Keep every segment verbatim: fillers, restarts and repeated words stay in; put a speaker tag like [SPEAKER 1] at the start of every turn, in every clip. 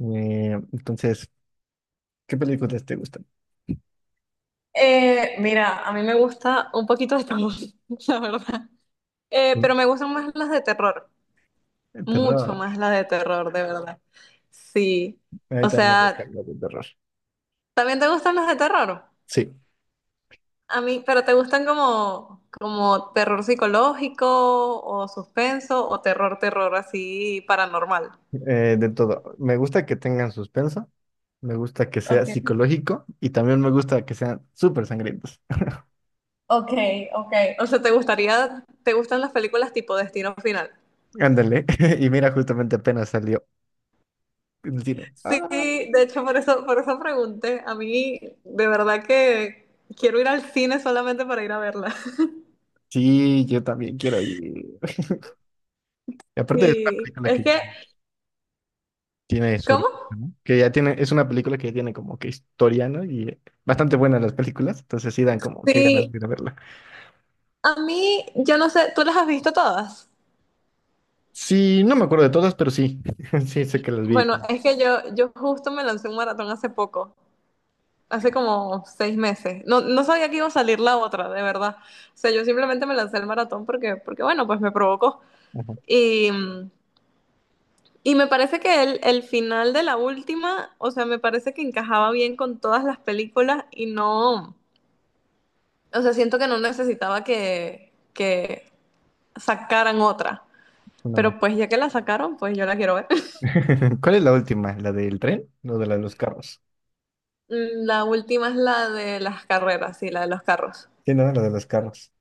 [SPEAKER 1] Eh, entonces, ¿qué películas te gustan?
[SPEAKER 2] Eh, mira, a mí me gusta un poquito de todo, la verdad. Eh,
[SPEAKER 1] ¿No?
[SPEAKER 2] pero me gustan más las de terror,
[SPEAKER 1] El
[SPEAKER 2] mucho
[SPEAKER 1] terror.
[SPEAKER 2] más las de terror, de verdad. Sí.
[SPEAKER 1] A mí
[SPEAKER 2] O
[SPEAKER 1] también me
[SPEAKER 2] sea,
[SPEAKER 1] gustan las de terror.
[SPEAKER 2] ¿también te gustan las de terror?
[SPEAKER 1] Sí,
[SPEAKER 2] A mí, pero ¿te gustan como, como terror psicológico o suspenso o terror, terror así paranormal?
[SPEAKER 1] eh, de todo. Me gusta que tengan suspenso, me gusta que sea
[SPEAKER 2] Okay.
[SPEAKER 1] psicológico y también me gusta que sean súper sangrientos.
[SPEAKER 2] Ok, ok. O sea, ¿te gustaría, te gustan las películas tipo Destino Final?
[SPEAKER 1] Ándale. Y mira, justamente apenas salió en el cine.
[SPEAKER 2] Sí,
[SPEAKER 1] Ah,
[SPEAKER 2] de hecho, por eso, por eso pregunté. A mí, de verdad que quiero ir al cine solamente para ir a verla.
[SPEAKER 1] sí, yo también quiero ir. Y aparte es una
[SPEAKER 2] Y
[SPEAKER 1] película
[SPEAKER 2] es
[SPEAKER 1] que
[SPEAKER 2] que,
[SPEAKER 1] ya tiene su ritmo,
[SPEAKER 2] ¿cómo?
[SPEAKER 1] ¿no? Que ya tiene, es una película que ya tiene como que historia, ¿no? Y eh, bastante buenas las películas, entonces sí dan como que ganas
[SPEAKER 2] Sí,
[SPEAKER 1] de ir a verla.
[SPEAKER 2] a mí, yo no sé, ¿tú las has visto todas?
[SPEAKER 1] Sí, no me acuerdo de todas, pero sí. Sí, sé que las vi
[SPEAKER 2] Bueno,
[SPEAKER 1] todas.
[SPEAKER 2] es que yo, yo justo me lancé un maratón hace poco, hace como seis meses. No, no sabía que iba a salir la otra, de verdad. O sea, yo simplemente me lancé el maratón porque, porque bueno, pues me provocó.
[SPEAKER 1] Ajá,
[SPEAKER 2] Y mm, Y me parece que el, el final de la última, o sea, me parece que encajaba bien con todas las películas y no, o sea, siento que no necesitaba que, que sacaran otra.
[SPEAKER 1] una más.
[SPEAKER 2] Pero pues ya que la sacaron, pues yo la quiero ver.
[SPEAKER 1] ¿Cuál es la última? ¿La del tren? ¿O de la de los carros?
[SPEAKER 2] Mm, La última es la de las carreras, sí, la de los carros.
[SPEAKER 1] Sí, ¿no? Lo de los carros.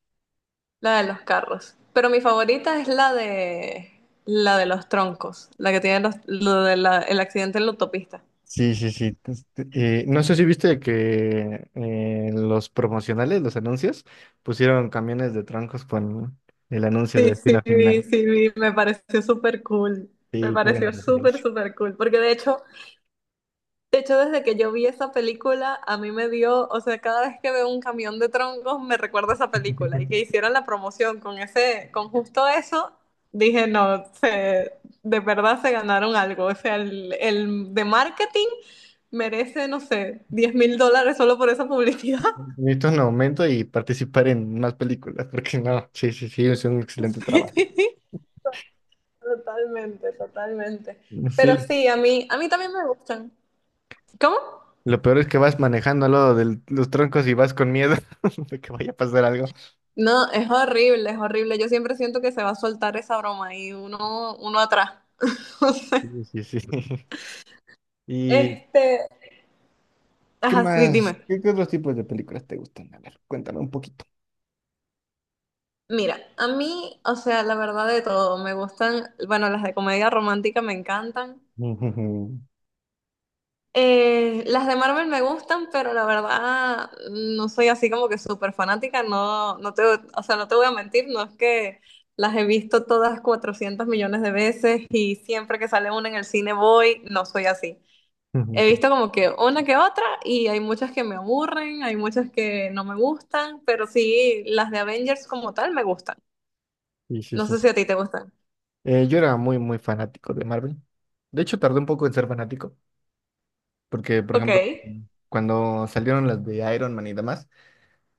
[SPEAKER 2] La de los carros. Pero mi favorita es la de la de los troncos, la que tiene los- lo de la- el accidente en la autopista.
[SPEAKER 1] Sí, sí, sí. Tes- eh, no sé si viste que eh, los promocionales, los anuncios, pusieron camiones de troncos con el anuncio de
[SPEAKER 2] Sí,
[SPEAKER 1] Destino
[SPEAKER 2] sí, vi,
[SPEAKER 1] Final.
[SPEAKER 2] sí, vi, me pareció súper cool. Me
[SPEAKER 1] Sí, qué buena
[SPEAKER 2] pareció súper,
[SPEAKER 1] referencia.
[SPEAKER 2] súper cool. Porque de hecho, de hecho, desde que yo vi esa película, a mí me dio, o sea, cada vez que veo un camión de troncos, me recuerda esa película. Y que hicieron la promoción con ese, con justo eso, dije, no, se, de verdad se ganaron algo. O sea, el, el de marketing merece, no sé, diez mil dólares solo por esa publicidad.
[SPEAKER 1] Necesito un aumento y participar en más películas, porque no, sí, sí, sí, es un excelente trabajo.
[SPEAKER 2] Totalmente, totalmente. Pero
[SPEAKER 1] Sí,
[SPEAKER 2] sí, a mí, a mí también me gustan. ¿Cómo?
[SPEAKER 1] lo peor es que vas manejando al lado de los troncos y vas con miedo de que vaya a pasar algo.
[SPEAKER 2] No, es horrible, es horrible. Yo siempre siento que se va a soltar esa broma y uno, uno atrás. O sea,
[SPEAKER 1] Sí, sí, sí. ¿Y
[SPEAKER 2] Este,
[SPEAKER 1] qué
[SPEAKER 2] ajá, sí,
[SPEAKER 1] más?
[SPEAKER 2] dime.
[SPEAKER 1] ¿Qué, qué otros tipos de películas te gustan? A ver, cuéntame un poquito.
[SPEAKER 2] Mira, a mí, o sea, la verdad de todo, me gustan, bueno, las de comedia romántica me encantan.
[SPEAKER 1] Ujú,
[SPEAKER 2] Eh, las de Marvel me gustan, pero la verdad no soy así como que súper fanática, no, no te, o sea, no te voy a mentir, no es que las he visto todas cuatrocientos millones de veces y siempre que sale una en el cine voy, no soy así.
[SPEAKER 1] ujú,
[SPEAKER 2] He
[SPEAKER 1] ok.
[SPEAKER 2] visto como que una que otra y hay muchas que me aburren, hay muchas que no me gustan, pero sí, las de Avengers como tal me gustan.
[SPEAKER 1] Sí, sí,
[SPEAKER 2] No
[SPEAKER 1] sí.
[SPEAKER 2] sé si a ti te gustan.
[SPEAKER 1] Eh, yo era muy, muy fanático de Marvel. De hecho, tardé un poco en ser fanático, porque, por
[SPEAKER 2] Ok.
[SPEAKER 1] ejemplo, cuando salieron las de Iron Man y demás,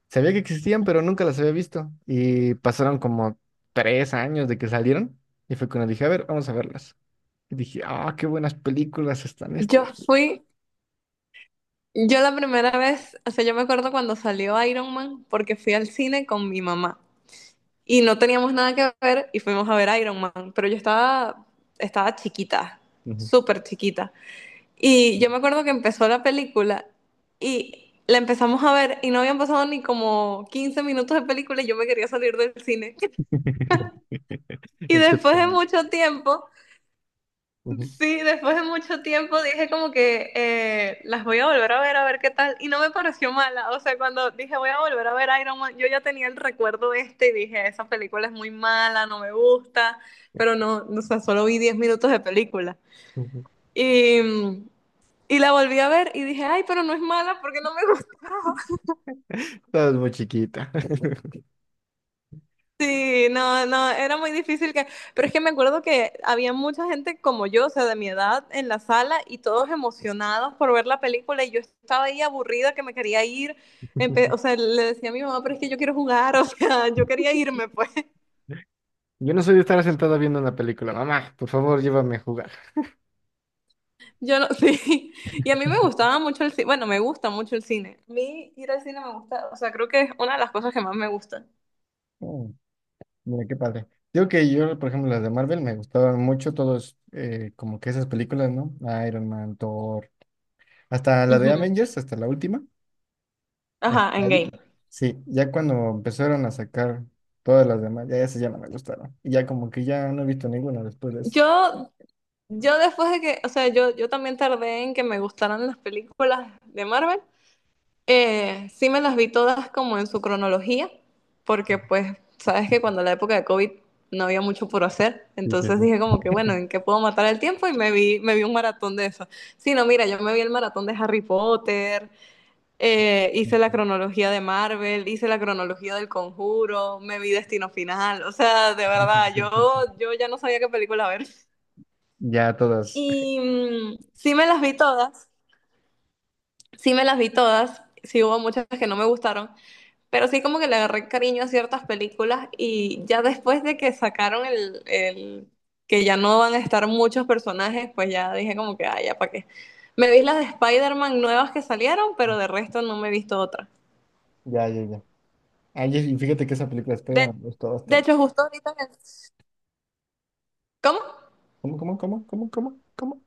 [SPEAKER 1] sabía que existían, pero nunca las había visto. Y pasaron como tres años de que salieron, y fue cuando dije, a ver, vamos a verlas. Y dije, ah, qué buenas películas están estas.
[SPEAKER 2] Yo fui, yo la primera vez, o sea, yo me acuerdo cuando salió Iron Man porque fui al cine con mi mamá y no teníamos nada que ver y fuimos a ver Iron Man, pero yo estaba, estaba chiquita,
[SPEAKER 1] Ujú.
[SPEAKER 2] súper chiquita. Y yo me acuerdo que empezó la película y la empezamos a ver y no habían pasado ni como quince minutos de película y yo me quería salir del cine. Y
[SPEAKER 1] Hay que
[SPEAKER 2] después de
[SPEAKER 1] poner,
[SPEAKER 2] mucho tiempo,
[SPEAKER 1] ujú,
[SPEAKER 2] sí, después de mucho tiempo dije como que eh, las voy a volver a ver a ver qué tal y no me pareció mala. O sea, cuando dije voy a volver a ver Iron Man, yo ya tenía el recuerdo este y dije esa película es muy mala, no me gusta, pero no, o sea, solo vi diez minutos de película.
[SPEAKER 1] ujú.
[SPEAKER 2] Y mm, Y la volví a ver y dije, ay, pero no es mala porque no me gustó.
[SPEAKER 1] Estabas muy chiquita.
[SPEAKER 2] Sí, no, no, era muy difícil que... Pero es que me acuerdo que había mucha gente como yo, o sea, de mi edad, en la sala y todos emocionados por ver la película y yo estaba ahí aburrida que me quería ir. Empe- o sea, le decía a mi mamá, pero es que yo quiero jugar, o sea, yo quería irme, pues.
[SPEAKER 1] Yo no soy de estar sentada viendo una película. Mamá, por favor, llévame a jugar.
[SPEAKER 2] Yo no, sí. Y a mí me gustaba mucho el cine, bueno, me gusta mucho el cine. A mí ir al cine me gusta, o sea, creo que es una de las cosas que más me gustan.
[SPEAKER 1] Oh, mira, qué padre. Digo que yo, por ejemplo, las de Marvel me gustaban mucho todos, eh, como que esas películas, ¿no? Iron Man, Thor, hasta la de
[SPEAKER 2] Ujú.
[SPEAKER 1] Avengers, hasta la última.
[SPEAKER 2] Ajá,
[SPEAKER 1] Hasta
[SPEAKER 2] en game.
[SPEAKER 1] ahí. Sí, ya cuando empezaron a sacar todas las demás, ya esas ya no me gustaron. Y ya como que ya no he visto ninguna después de eso.
[SPEAKER 2] Yo Yo después de que, o sea, yo, yo también tardé en que me gustaran las películas de Marvel. Eh, sí me las vi todas como en su cronología, porque pues sabes que cuando la época de COVID no había mucho por hacer,
[SPEAKER 1] Sí, sí,
[SPEAKER 2] entonces dije
[SPEAKER 1] sí.
[SPEAKER 2] como que bueno, ¿en qué puedo matar el tiempo? Y me vi, me vi un maratón de eso. Sí, no, mira, yo me vi el maratón de Harry Potter, eh, hice la cronología de Marvel, hice la cronología del Conjuro, me vi Destino Final, o sea, de verdad, yo, yo ya no sabía qué película ver.
[SPEAKER 1] Ya todas.
[SPEAKER 2] Y mm, sí me las vi todas, sí me las vi todas, sí hubo muchas que no me gustaron, pero sí como que le agarré cariño a ciertas películas y ya después de que sacaron el, el que ya no van a estar muchos personajes, pues ya dije como que, ay, ya para qué. Me vi las de Spider-Man nuevas que salieron, pero de resto no me he visto otra.
[SPEAKER 1] Ya, ya, ya. Ay, y fíjate que esa película espera
[SPEAKER 2] De,
[SPEAKER 1] me gustó
[SPEAKER 2] de
[SPEAKER 1] bastante.
[SPEAKER 2] hecho, justo ahorita me- ¿Cómo?
[SPEAKER 1] ¿Cómo, cómo, cómo, cómo, cómo, cómo?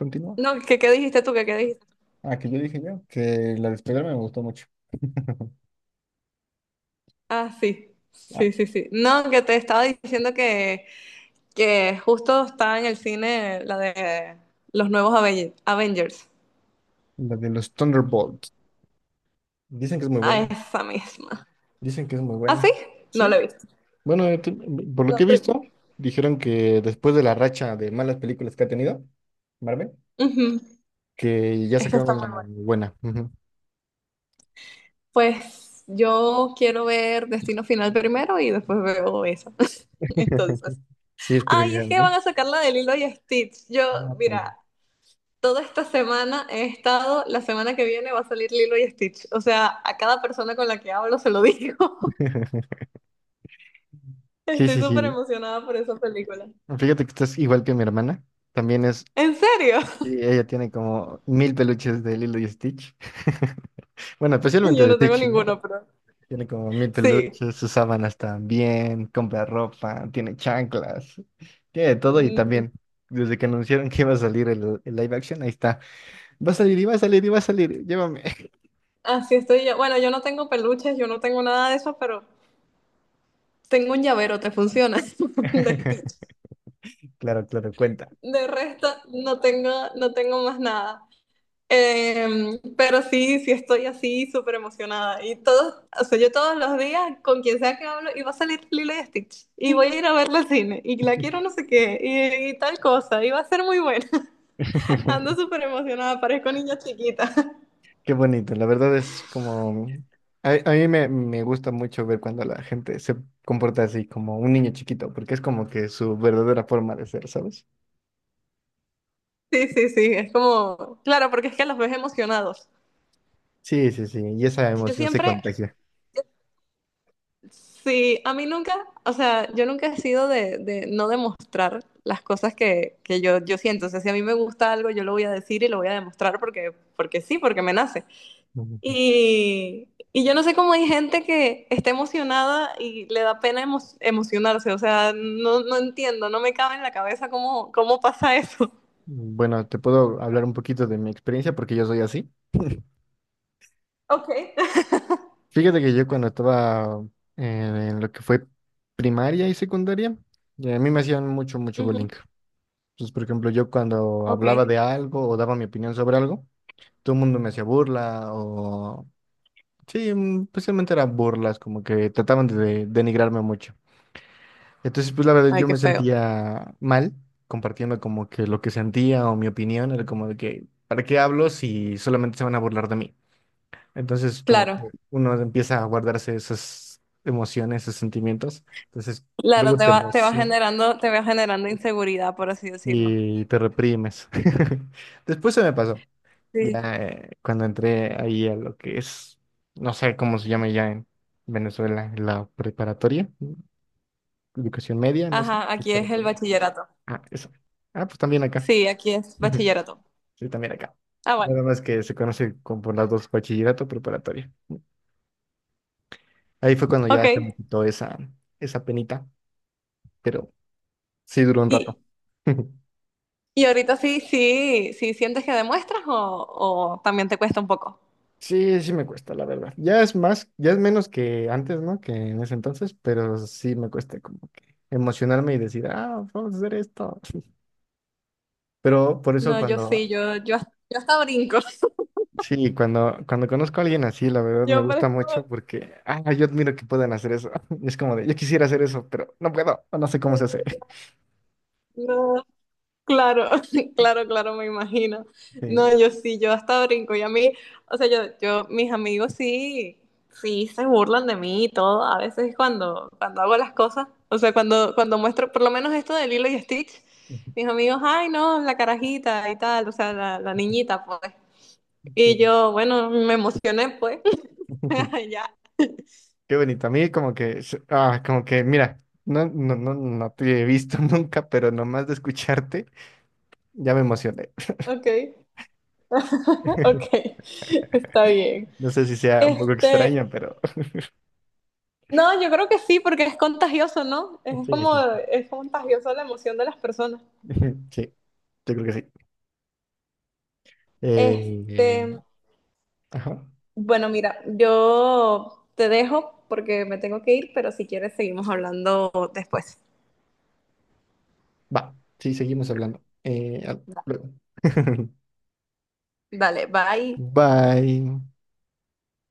[SPEAKER 1] Continúa.
[SPEAKER 2] No, ¿qué, qué dijiste tú? ¿Qué, qué dijiste?
[SPEAKER 1] Ah, que yo dije ya que la de spider me gustó mucho.
[SPEAKER 2] Ah, sí,
[SPEAKER 1] Ah,
[SPEAKER 2] sí, sí, sí. No, que te estaba diciendo que que justo está en el cine la de los nuevos Aven- Avengers.
[SPEAKER 1] la de los Thunderbolts. Dicen que es muy
[SPEAKER 2] A
[SPEAKER 1] buena.
[SPEAKER 2] esa misma.
[SPEAKER 1] Dicen que es muy
[SPEAKER 2] ¿Ah,
[SPEAKER 1] buena.
[SPEAKER 2] sí? No la he
[SPEAKER 1] Sí,
[SPEAKER 2] visto.
[SPEAKER 1] bueno, eh, te- por lo
[SPEAKER 2] No,
[SPEAKER 1] que he
[SPEAKER 2] pero...
[SPEAKER 1] visto, dijeron que después de la racha de malas películas que ha tenido Marvel,
[SPEAKER 2] Ujú.
[SPEAKER 1] que ya
[SPEAKER 2] Esa está
[SPEAKER 1] sacaron
[SPEAKER 2] muy
[SPEAKER 1] una
[SPEAKER 2] buena.
[SPEAKER 1] buena. Ujú.
[SPEAKER 2] Pues yo quiero ver Destino Final primero y después veo esa. Entonces,
[SPEAKER 1] Sí, es
[SPEAKER 2] ay,
[SPEAKER 1] prioridad,
[SPEAKER 2] es que
[SPEAKER 1] ¿no?
[SPEAKER 2] van a sacar la de Lilo y Stitch. Yo,
[SPEAKER 1] Ah, también.
[SPEAKER 2] mira, toda esta semana he estado, la semana que viene va a salir Lilo y Stitch. O sea, a cada persona con la que hablo se lo digo.
[SPEAKER 1] Sí,
[SPEAKER 2] Estoy
[SPEAKER 1] sí,
[SPEAKER 2] súper
[SPEAKER 1] sí.
[SPEAKER 2] emocionada por esa película.
[SPEAKER 1] Fíjate que estás igual que mi hermana. También es,
[SPEAKER 2] ¿En serio?
[SPEAKER 1] y ella tiene como mil peluches de Lilo y Stitch. Bueno, especialmente
[SPEAKER 2] Yo
[SPEAKER 1] de
[SPEAKER 2] no tengo
[SPEAKER 1] Stitch, ¿no?
[SPEAKER 2] ninguno, pero
[SPEAKER 1] Tiene como mil
[SPEAKER 2] sí.
[SPEAKER 1] peluches, sus sábanas también, compra ropa, tiene chanclas, tiene de todo y
[SPEAKER 2] Mm,
[SPEAKER 1] también, desde que anunciaron que iba a salir el, el live action, ahí está. Va a salir y va a salir y va a salir, llévame.
[SPEAKER 2] Así estoy yo. Bueno, yo no tengo peluches, yo no tengo nada de eso, pero tengo un llavero, ¿te funciona? De Stitch.
[SPEAKER 1] Claro, claro, cuenta.
[SPEAKER 2] De resto, no tengo, no tengo más nada. Em, pero sí, sí estoy así súper emocionada. Y todos, o sea, yo todos los días con quien sea que hablo, y va a salir Lilo y Stitch, y voy a ir a verla al cine, y la quiero no sé qué, y, y tal cosa, y va a ser muy buena. Ando súper emocionada, parezco niña chiquita.
[SPEAKER 1] Qué bonito, la verdad es como... A, a mí me, me gusta mucho ver cuando la gente se comporta así como un niño chiquito, porque es como que su verdadera forma de ser, ¿sabes?
[SPEAKER 2] Sí, sí, sí, es como, claro, porque es que los ves emocionados.
[SPEAKER 1] Sí, sí, sí, y esa
[SPEAKER 2] Yo
[SPEAKER 1] emoción se
[SPEAKER 2] siempre,
[SPEAKER 1] contagia.
[SPEAKER 2] sí, a mí nunca, o sea, yo nunca he sido de, de no demostrar las cosas que, que yo, yo siento. O sea, si a mí me gusta algo, yo lo voy a decir y lo voy a demostrar porque, porque sí, porque me nace. Y, y yo no sé cómo hay gente que está emocionada y le da pena emo- emocionarse. O sea, no, no entiendo, no me cabe en la cabeza cómo, cómo pasa eso.
[SPEAKER 1] Bueno, te puedo hablar un poquito de mi experiencia porque yo soy así.
[SPEAKER 2] Ok.
[SPEAKER 1] Fíjate que yo cuando estaba en lo que fue primaria y secundaria, ya a mí me hacían mucho, mucho bullying.
[SPEAKER 2] Ujú.
[SPEAKER 1] Entonces, por ejemplo, yo cuando hablaba
[SPEAKER 2] Ok.
[SPEAKER 1] de algo o daba mi opinión sobre algo, todo el mundo me hacía burla o... Sí, mm, especialmente eran burlas, como que trataban de denigrarme mucho. Entonces, pues la verdad
[SPEAKER 2] Ay,
[SPEAKER 1] yo
[SPEAKER 2] qué
[SPEAKER 1] me
[SPEAKER 2] feo.
[SPEAKER 1] sentía mal compartiendo como que lo que sentía o mi opinión, era como de que, ¿para qué hablo si solamente se van a burlar de mí? Entonces, como
[SPEAKER 2] Claro.
[SPEAKER 1] que uno empieza a guardarse esas emociones, esos sentimientos. Entonces,
[SPEAKER 2] Claro,
[SPEAKER 1] luego
[SPEAKER 2] te
[SPEAKER 1] te
[SPEAKER 2] va, te va
[SPEAKER 1] emociona
[SPEAKER 2] generando, te va generando inseguridad, por así decirlo.
[SPEAKER 1] y te reprimes. Después se me pasó.
[SPEAKER 2] Sí.
[SPEAKER 1] Ya eh, Cuando entré ahí a lo que es, no sé cómo se llama ya en Venezuela, la preparatoria, mm, educación media, no sé,
[SPEAKER 2] Ajá, aquí es
[SPEAKER 1] escuchado
[SPEAKER 2] el
[SPEAKER 1] por ahí.
[SPEAKER 2] bachillerato.
[SPEAKER 1] Ah, eso. Ah, pues también acá.
[SPEAKER 2] Sí, aquí es
[SPEAKER 1] Ujú.
[SPEAKER 2] bachillerato.
[SPEAKER 1] Sí, también acá.
[SPEAKER 2] Ah, bueno,
[SPEAKER 1] Nada más que se conoce como por las dos, bachillerato preparatoria. Ahí fue cuando
[SPEAKER 2] ok.
[SPEAKER 1] ya se me quitó esa, esa penita. Pero sí duró un rato.
[SPEAKER 2] ¿Y, y ahorita sí, sí, sí sientes que demuestras o, o también te cuesta un poco?
[SPEAKER 1] Sí, sí me cuesta, la verdad. Ya es más, ya es menos que antes, ¿no? Que en ese entonces, pero sí me cuesta como que emocionarme y decir, ah, vamos a hacer esto. Pero por eso
[SPEAKER 2] No, yo
[SPEAKER 1] cuando,
[SPEAKER 2] sí, yo, yo, yo hasta brinco.
[SPEAKER 1] sí, cuando, cuando conozco a alguien así, la verdad me
[SPEAKER 2] Yo
[SPEAKER 1] gusta
[SPEAKER 2] parezco,
[SPEAKER 1] mucho porque, ah, yo admiro que puedan hacer eso. Es como de, yo quisiera hacer eso, pero no puedo, o no sé cómo se hace.
[SPEAKER 2] no. Claro, claro, claro, me imagino. No,
[SPEAKER 1] Sí.
[SPEAKER 2] yo sí, yo hasta brinco. Y a mí, o sea, yo, yo, mis amigos sí, sí se burlan de mí y todo. A veces cuando, cuando hago las cosas, o sea, cuando, cuando muestro, por lo menos esto de Lilo y Stitch, mis amigos, ay, no, la carajita y tal, o sea, la, la niñita, pues. Y yo, bueno, me emocioné, pues. Ya,
[SPEAKER 1] Qué bonito. A mí como que, se- ah, como que, mira, no, no, no, no te he visto nunca, pero nomás de escucharte ya me emocioné.
[SPEAKER 2] ok, ok, está bien.
[SPEAKER 1] No sé si sea un poco
[SPEAKER 2] Este,
[SPEAKER 1] extraño, pero
[SPEAKER 2] No, yo creo que sí, porque es contagioso, ¿no? Es
[SPEAKER 1] sí,
[SPEAKER 2] como,
[SPEAKER 1] sí,
[SPEAKER 2] es contagioso la emoción de las personas.
[SPEAKER 1] sí, yo creo que sí. Eh, eh,
[SPEAKER 2] Este,
[SPEAKER 1] ajá,
[SPEAKER 2] bueno, mira, yo te dejo porque me tengo que ir, pero si quieres seguimos hablando después.
[SPEAKER 1] Va, sí, seguimos hablando. Eh, al-
[SPEAKER 2] Da-
[SPEAKER 1] luego.
[SPEAKER 2] Dale, bye.
[SPEAKER 1] Bye.